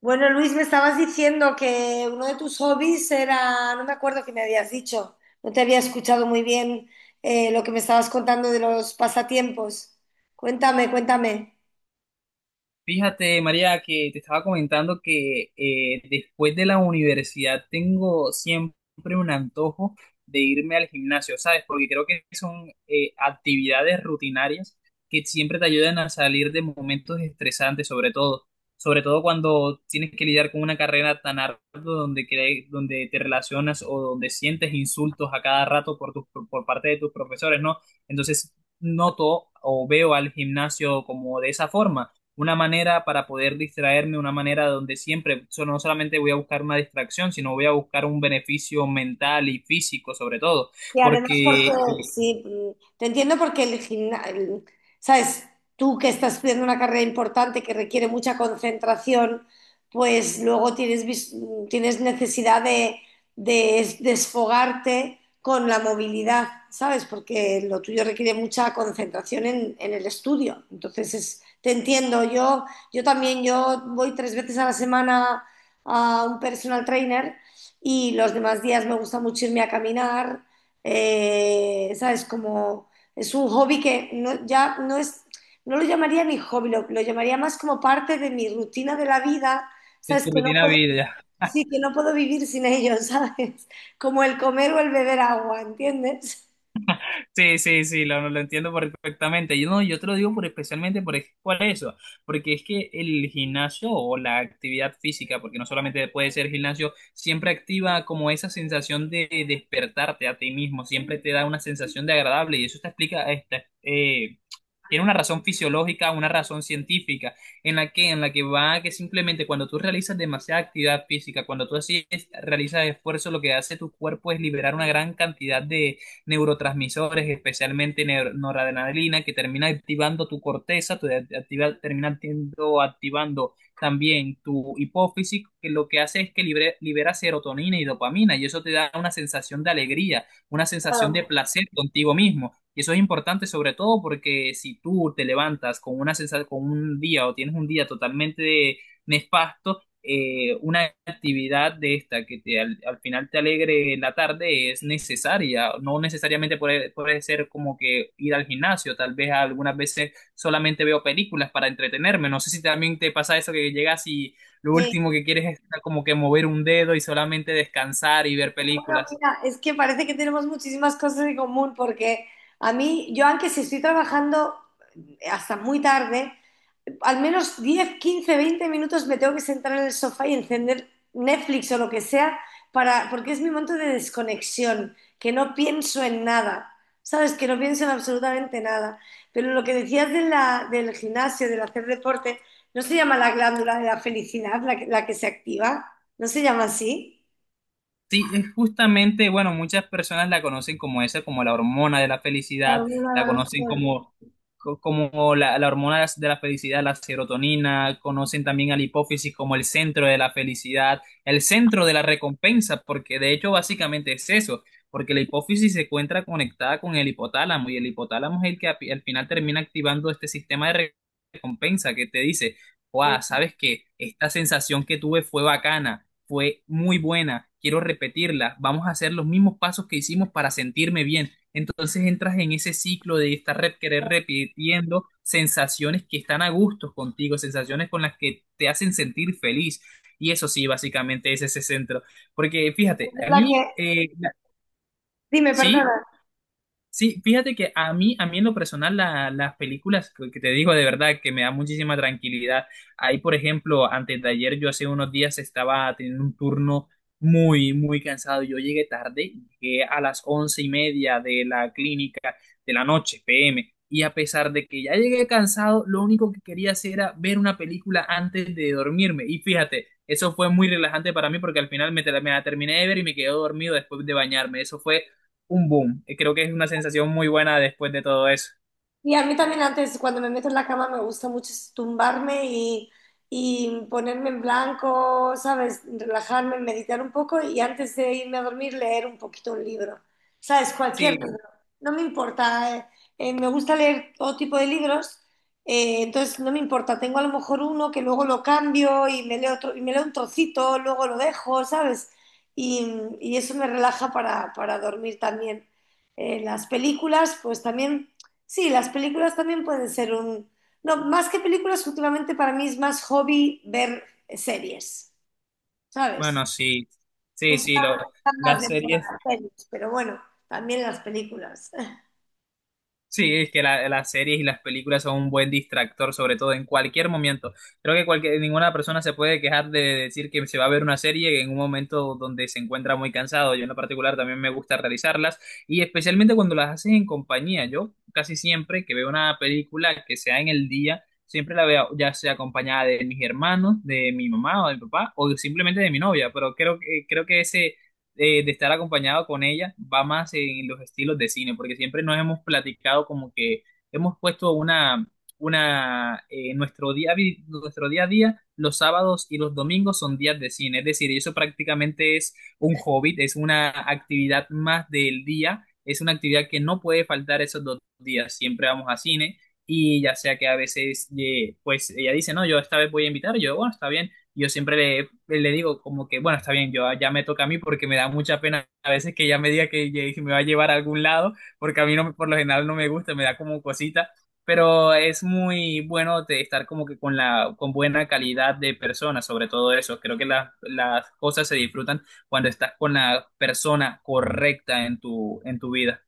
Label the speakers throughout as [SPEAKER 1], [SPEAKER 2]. [SPEAKER 1] Bueno, Luis, me estabas diciendo que uno de tus hobbies era, no me acuerdo qué me habías dicho, no te había escuchado muy bien lo que me estabas contando de los pasatiempos. Cuéntame, cuéntame.
[SPEAKER 2] Fíjate, María, que te estaba comentando que después de la universidad tengo siempre un antojo de irme al gimnasio, ¿sabes? Porque creo que son actividades rutinarias que siempre te ayudan a salir de momentos estresantes, sobre todo cuando tienes que lidiar con una carrera tan ardua donde, donde te relacionas o donde sientes insultos a cada rato por, por parte de tus profesores, ¿no? Entonces noto o veo al gimnasio como de esa forma, una manera para poder distraerme, una manera donde siempre, no solamente voy a buscar una distracción, sino voy a buscar un beneficio mental y físico sobre todo,
[SPEAKER 1] Y además
[SPEAKER 2] porque
[SPEAKER 1] porque, sí, te entiendo porque el gimnasio, sabes, tú que estás estudiando una carrera importante que requiere mucha concentración, pues luego tienes, tienes necesidad de, desfogarte con la movilidad, ¿sabes? Porque lo tuyo requiere mucha concentración en el estudio. Entonces, te entiendo, yo también, yo voy 3 veces a la semana a un personal trainer y los demás días me gusta mucho irme a caminar, ¿sabes? Como es un hobby que no, ya no es, no lo llamaría mi hobby, lo llamaría más como parte de mi rutina de la vida,
[SPEAKER 2] es
[SPEAKER 1] ¿sabes?
[SPEAKER 2] tu
[SPEAKER 1] Que no
[SPEAKER 2] rutina de
[SPEAKER 1] puedo,
[SPEAKER 2] vida.
[SPEAKER 1] sí, que no puedo vivir sin ello, ¿sabes? Como el comer o el beber agua, ¿entiendes?
[SPEAKER 2] Sí, sí, sí, lo entiendo perfectamente. Yo, no, yo te lo digo por, especialmente por, por eso, porque es que el gimnasio o la actividad física, porque no solamente puede ser gimnasio, siempre activa como esa sensación de despertarte a ti mismo, siempre te da una sensación de agradable y eso te explica, esta tiene una razón fisiológica, una razón científica, en la que va que simplemente cuando tú realizas demasiada actividad física, cuando tú así realizas esfuerzo, lo que hace tu cuerpo es liberar una gran cantidad de neurotransmisores, especialmente noradrenalina, que termina activando tu corteza, tu de- activa- termina actiendo- activando también tu hipófisis, que lo que hace es que libera serotonina y dopamina, y eso te da una sensación de alegría, una sensación de
[SPEAKER 1] Claro.
[SPEAKER 2] placer contigo mismo. Y eso es importante sobre todo porque si tú te levantas con una con un día o tienes un día totalmente nefasto, una actividad de esta que te, al, al final te alegre la tarde es necesaria. No necesariamente puede ser como que ir al gimnasio, tal vez algunas veces solamente veo películas para entretenerme. No sé si también te pasa eso que llegas y lo último
[SPEAKER 1] Sí.
[SPEAKER 2] que quieres es como que mover un dedo y solamente descansar y ver
[SPEAKER 1] Bueno,
[SPEAKER 2] películas.
[SPEAKER 1] mira, es que parece que tenemos muchísimas cosas en común porque a mí, yo aunque si estoy trabajando hasta muy tarde, al menos 10, 15, 20 minutos me tengo que sentar en el sofá y encender Netflix o lo que sea, para, porque es mi momento de desconexión, que no pienso en nada, ¿sabes? Que no pienso en absolutamente nada. Pero lo que decías de la, del gimnasio, del hacer deporte, ¿no se llama la glándula de la felicidad la que se activa? ¿No se llama así?
[SPEAKER 2] Sí, es justamente, bueno, muchas personas la conocen como esa, como la hormona de la
[SPEAKER 1] La
[SPEAKER 2] felicidad, la
[SPEAKER 1] glándula
[SPEAKER 2] conocen
[SPEAKER 1] de la-
[SPEAKER 2] como, como la hormona de la felicidad, la serotonina, conocen también a la hipófisis como el centro de la felicidad, el centro de la recompensa, porque de hecho básicamente es eso, porque la hipófisis se encuentra conectada con el hipotálamo y el hipotálamo es el que al final termina activando este sistema de recompensa que te dice, wow,
[SPEAKER 1] felicidad.
[SPEAKER 2] sabes que esta sensación que tuve fue bacana, fue muy buena, quiero repetirla, vamos a hacer los mismos pasos que hicimos para sentirme bien. Entonces entras en ese ciclo de estar rep querer repitiendo sensaciones que están a gusto contigo, sensaciones con las que te hacen sentir feliz. Y eso sí, básicamente es ese centro. Porque fíjate, a
[SPEAKER 1] La
[SPEAKER 2] mí,
[SPEAKER 1] que... Dime,
[SPEAKER 2] sí.
[SPEAKER 1] perdona.
[SPEAKER 2] Sí, fíjate que a mí en lo personal, las películas que te digo de verdad que me da muchísima tranquilidad. Ahí, por ejemplo, antes de ayer, yo hace unos días estaba teniendo un turno muy, muy cansado. Yo llegué tarde, llegué a las 11:30 de la clínica de la noche, PM. Y a pesar de que ya llegué cansado, lo único que quería hacer era ver una película antes de dormirme. Y fíjate, eso fue muy relajante para mí porque al final me la terminé de ver y me quedé dormido después de bañarme. Eso fue un boom. Y creo que es una sensación muy buena después de todo eso.
[SPEAKER 1] Y a mí también antes, cuando me meto en la cama, me gusta mucho es tumbarme y ponerme en blanco, ¿sabes? Relajarme, meditar un poco y antes de irme a dormir leer un poquito un libro, ¿sabes? Cualquier libro,
[SPEAKER 2] Sí,
[SPEAKER 1] no me importa. Me gusta leer todo tipo de libros, entonces no me importa. Tengo a lo mejor uno que luego lo cambio y me leo otro, y me leo un trocito, luego lo dejo, ¿sabes? Y, y eso me relaja para dormir también. Las películas, pues también... Sí, las películas también pueden ser un... No, más que películas, últimamente para mí es más hobby ver series, ¿sabes?
[SPEAKER 2] bueno, sí, sí, sí,
[SPEAKER 1] Últimamente están más
[SPEAKER 2] las
[SPEAKER 1] de moda
[SPEAKER 2] series.
[SPEAKER 1] las series, pero bueno, también las películas.
[SPEAKER 2] Sí, es que las series y las películas son un buen distractor, sobre todo en cualquier momento. Creo que cualquier, ninguna persona se puede quejar de decir que se va a ver una serie en un momento donde se encuentra muy cansado. Yo en lo particular también me gusta realizarlas y especialmente cuando las haces en compañía. Yo casi siempre que veo una película que sea en el día, siempre la veo ya sea acompañada de mis hermanos, de mi mamá o de mi papá o simplemente de mi novia, pero creo que ese de estar acompañado con ella va más en los estilos de cine, porque siempre nos hemos platicado como que hemos puesto nuestro día, nuestro día a día, los sábados y los domingos son días de cine, es decir, eso prácticamente es un hobby, es una actividad más del día, es una actividad que no puede faltar esos dos días, siempre vamos a cine. Y ya sea que a veces, pues ella dice, no, yo esta vez voy a invitar, yo, bueno, está bien, yo siempre le digo como que, bueno, está bien, yo ya me toca a mí porque me da mucha pena a veces que ella me diga que, que me va a llevar a algún lado, porque a mí no, por lo general no me gusta, me da como cosita, pero es muy bueno de estar como que con con buena calidad de persona, sobre todo eso. Creo que las cosas se disfrutan cuando estás con la persona correcta en en tu vida.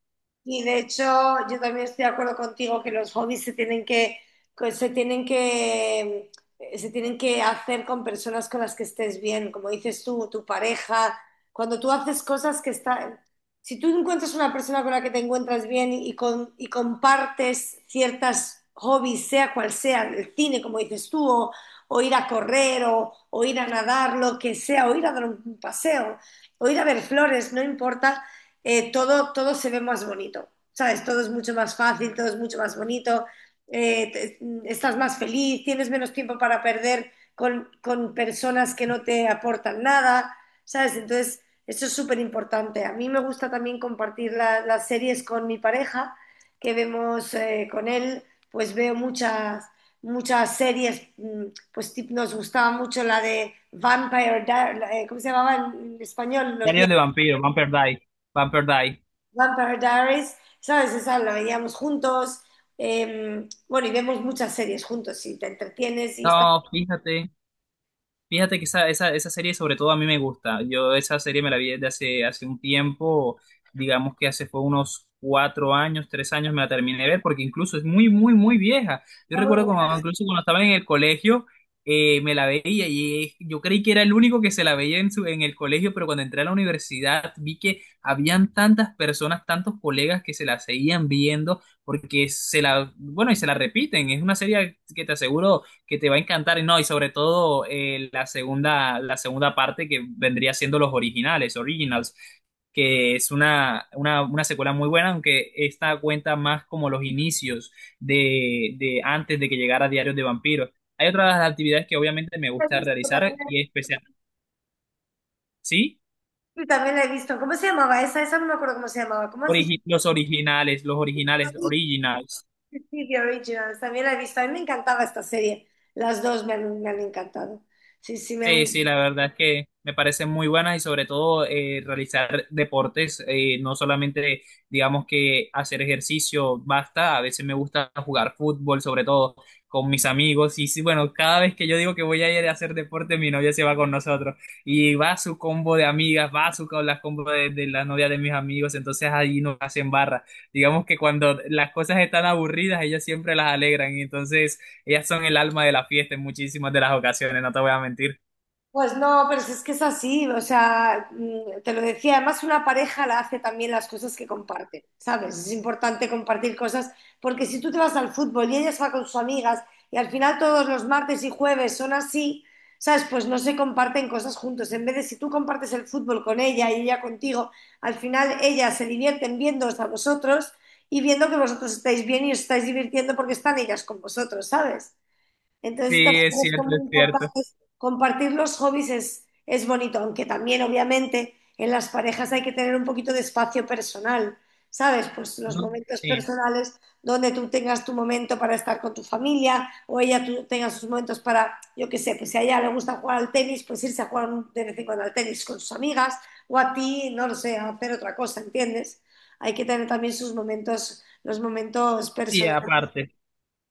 [SPEAKER 1] Y de hecho, yo también estoy de acuerdo contigo que los hobbies se tienen que se tienen que, se tienen que hacer con personas con las que estés bien, como dices tú, tu pareja. Cuando tú haces cosas que están, si tú encuentras una persona con la que te encuentras bien y, con, y compartes ciertas hobbies, sea cual sea, el cine, como dices tú, o ir a correr, o ir a nadar, lo que sea, o ir a dar un paseo, o ir a ver flores, no importa, todo, todo se ve más bonito, ¿sabes? Todo es mucho más fácil, todo es mucho más bonito, eh, te- estás más feliz, tienes menos tiempo para perder con personas que no te aportan nada, ¿sabes? Entonces, eso es súper importante. A mí me gusta también compartir las series con mi pareja, que vemos con él, pues veo muchas... Muchas series, mm, pues nos gustaba mucho la de ¿cómo se llamaba en español? Los
[SPEAKER 2] Diarios de vampiro, Vampire Die, Vampire Die.
[SPEAKER 1] Vampire Diaries, ¿sabes? Esa la veíamos juntos. Bueno, y vemos muchas series juntos y te entretienes y está
[SPEAKER 2] No, fíjate. Fíjate que esa serie sobre todo a mí me gusta. Yo esa serie me la vi desde hace un tiempo, digamos que hace fue unos 4 años, 3 años me la terminé de ver, porque incluso es muy, muy, muy vieja. Yo
[SPEAKER 1] muy
[SPEAKER 2] recuerdo como
[SPEAKER 1] buena.
[SPEAKER 2] incluso cuando estaba en el colegio, me la veía y yo creí que era el único que se la veía en, su, en el colegio, pero cuando entré a la universidad vi que habían tantas personas, tantos colegas que se la seguían viendo, porque se la, bueno, y se la repiten. Es una serie que te aseguro que te va a encantar, y no, y sobre todo la segunda parte que vendría siendo los originales, Originals, que es una una secuela muy buena, aunque esta cuenta más como los inicios de antes de que llegara Diarios de Vampiros. Hay otras actividades que obviamente me
[SPEAKER 1] La he
[SPEAKER 2] gusta
[SPEAKER 1] visto.
[SPEAKER 2] realizar y
[SPEAKER 1] También
[SPEAKER 2] especial, ¿sí?
[SPEAKER 1] sí, también la he visto. ¿Cómo se llamaba esa? Esa no me acuerdo cómo se llamaba. ¿Cómo has dicho?
[SPEAKER 2] Los originales,
[SPEAKER 1] Sí,
[SPEAKER 2] originals.
[SPEAKER 1] sí, sí, The Originals. También la he visto. A mí me encantaba esta serie. Las dos me han encantado. Sí, sí, me
[SPEAKER 2] Sí,
[SPEAKER 1] han...
[SPEAKER 2] sí, la verdad es que me parecen muy buenas y sobre todo realizar deportes, no solamente digamos que hacer ejercicio basta, a veces me gusta jugar fútbol, sobre todo con mis amigos y sí, bueno, cada vez que yo digo que voy a ir a hacer deporte, mi novia se va con nosotros y va su combo de amigas, va su con las combo de las novias de mis amigos, entonces ahí nos hacen barra. Digamos que cuando las cosas están aburridas, ellas siempre las alegran y entonces ellas son el alma de la fiesta en muchísimas de las ocasiones, no te voy a mentir.
[SPEAKER 1] Pues no, pero si es que es así, o sea, mm, te lo decía, además una pareja la hace también las cosas que comparte, ¿sabes? Es importante compartir cosas, porque si tú te vas al fútbol y ellas va con sus amigas y al final todos los martes y jueves son así, ¿sabes? Pues no se comparten cosas juntos. En vez de si tú compartes el fútbol con ella y ella contigo, al final ellas se divierten viéndoos a vosotros y viendo que vosotros estáis bien y os estáis divirtiendo porque están ellas con vosotros, ¿sabes? Entonces, estas
[SPEAKER 2] Sí, es
[SPEAKER 1] cosas son
[SPEAKER 2] cierto,
[SPEAKER 1] muy
[SPEAKER 2] es cierto.
[SPEAKER 1] importantes. Compartir los hobbies es bonito, aunque también, obviamente, en las parejas hay que tener un poquito de espacio personal, ¿sabes? Pues los
[SPEAKER 2] No,
[SPEAKER 1] momentos
[SPEAKER 2] sí,
[SPEAKER 1] personales donde tú tengas tu momento para estar con tu familia o ella tú tenga sus momentos para, yo qué sé, pues si a ella le gusta jugar al tenis, pues irse a jugar de vez en cuando al tenis con sus amigas o a ti, no lo sé, a hacer otra cosa, ¿entiendes? Hay que tener también sus momentos, los momentos
[SPEAKER 2] sí,
[SPEAKER 1] personales.
[SPEAKER 2] aparte.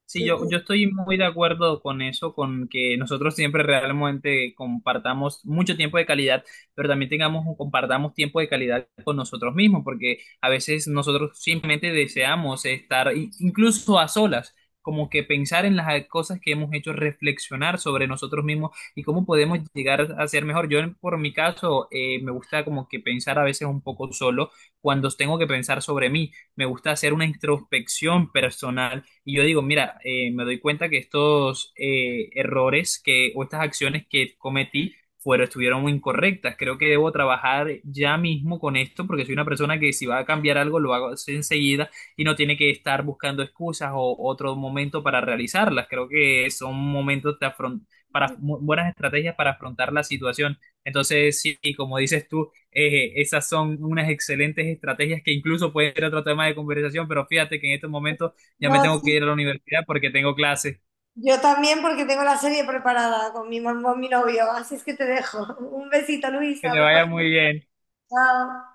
[SPEAKER 2] Sí,
[SPEAKER 1] Sí,
[SPEAKER 2] yo
[SPEAKER 1] sí.
[SPEAKER 2] estoy muy de acuerdo con eso, con que nosotros siempre realmente compartamos mucho tiempo de calidad, pero también tengamos, compartamos tiempo de calidad con nosotros mismos, porque a veces nosotros simplemente deseamos estar incluso a solas, como que pensar en las cosas que hemos hecho, reflexionar sobre nosotros mismos y cómo podemos llegar a ser mejor. Yo, por mi caso, me gusta como que pensar a veces un poco solo cuando tengo que pensar sobre mí, me gusta hacer una introspección personal y yo digo, mira, me doy cuenta que estos errores que, o estas acciones que cometí fueron, estuvieron muy incorrectas. Creo que debo trabajar ya mismo con esto porque soy una persona que si va a cambiar algo lo hago enseguida y no tiene que estar buscando excusas o otro momento para realizarlas. Creo que son momentos de buenas estrategias para afrontar la situación. Entonces, sí, como dices tú, esas son unas excelentes estrategias que incluso puede ser otro tema de conversación, pero fíjate que en estos momentos ya
[SPEAKER 1] No,
[SPEAKER 2] me tengo que
[SPEAKER 1] sí,
[SPEAKER 2] ir a la universidad porque tengo clases.
[SPEAKER 1] yo también porque tengo la serie preparada con con mi novio, así es que te dejo. Un besito, Luis,
[SPEAKER 2] Que le
[SPEAKER 1] hablamos.
[SPEAKER 2] vaya muy bien.
[SPEAKER 1] Chao.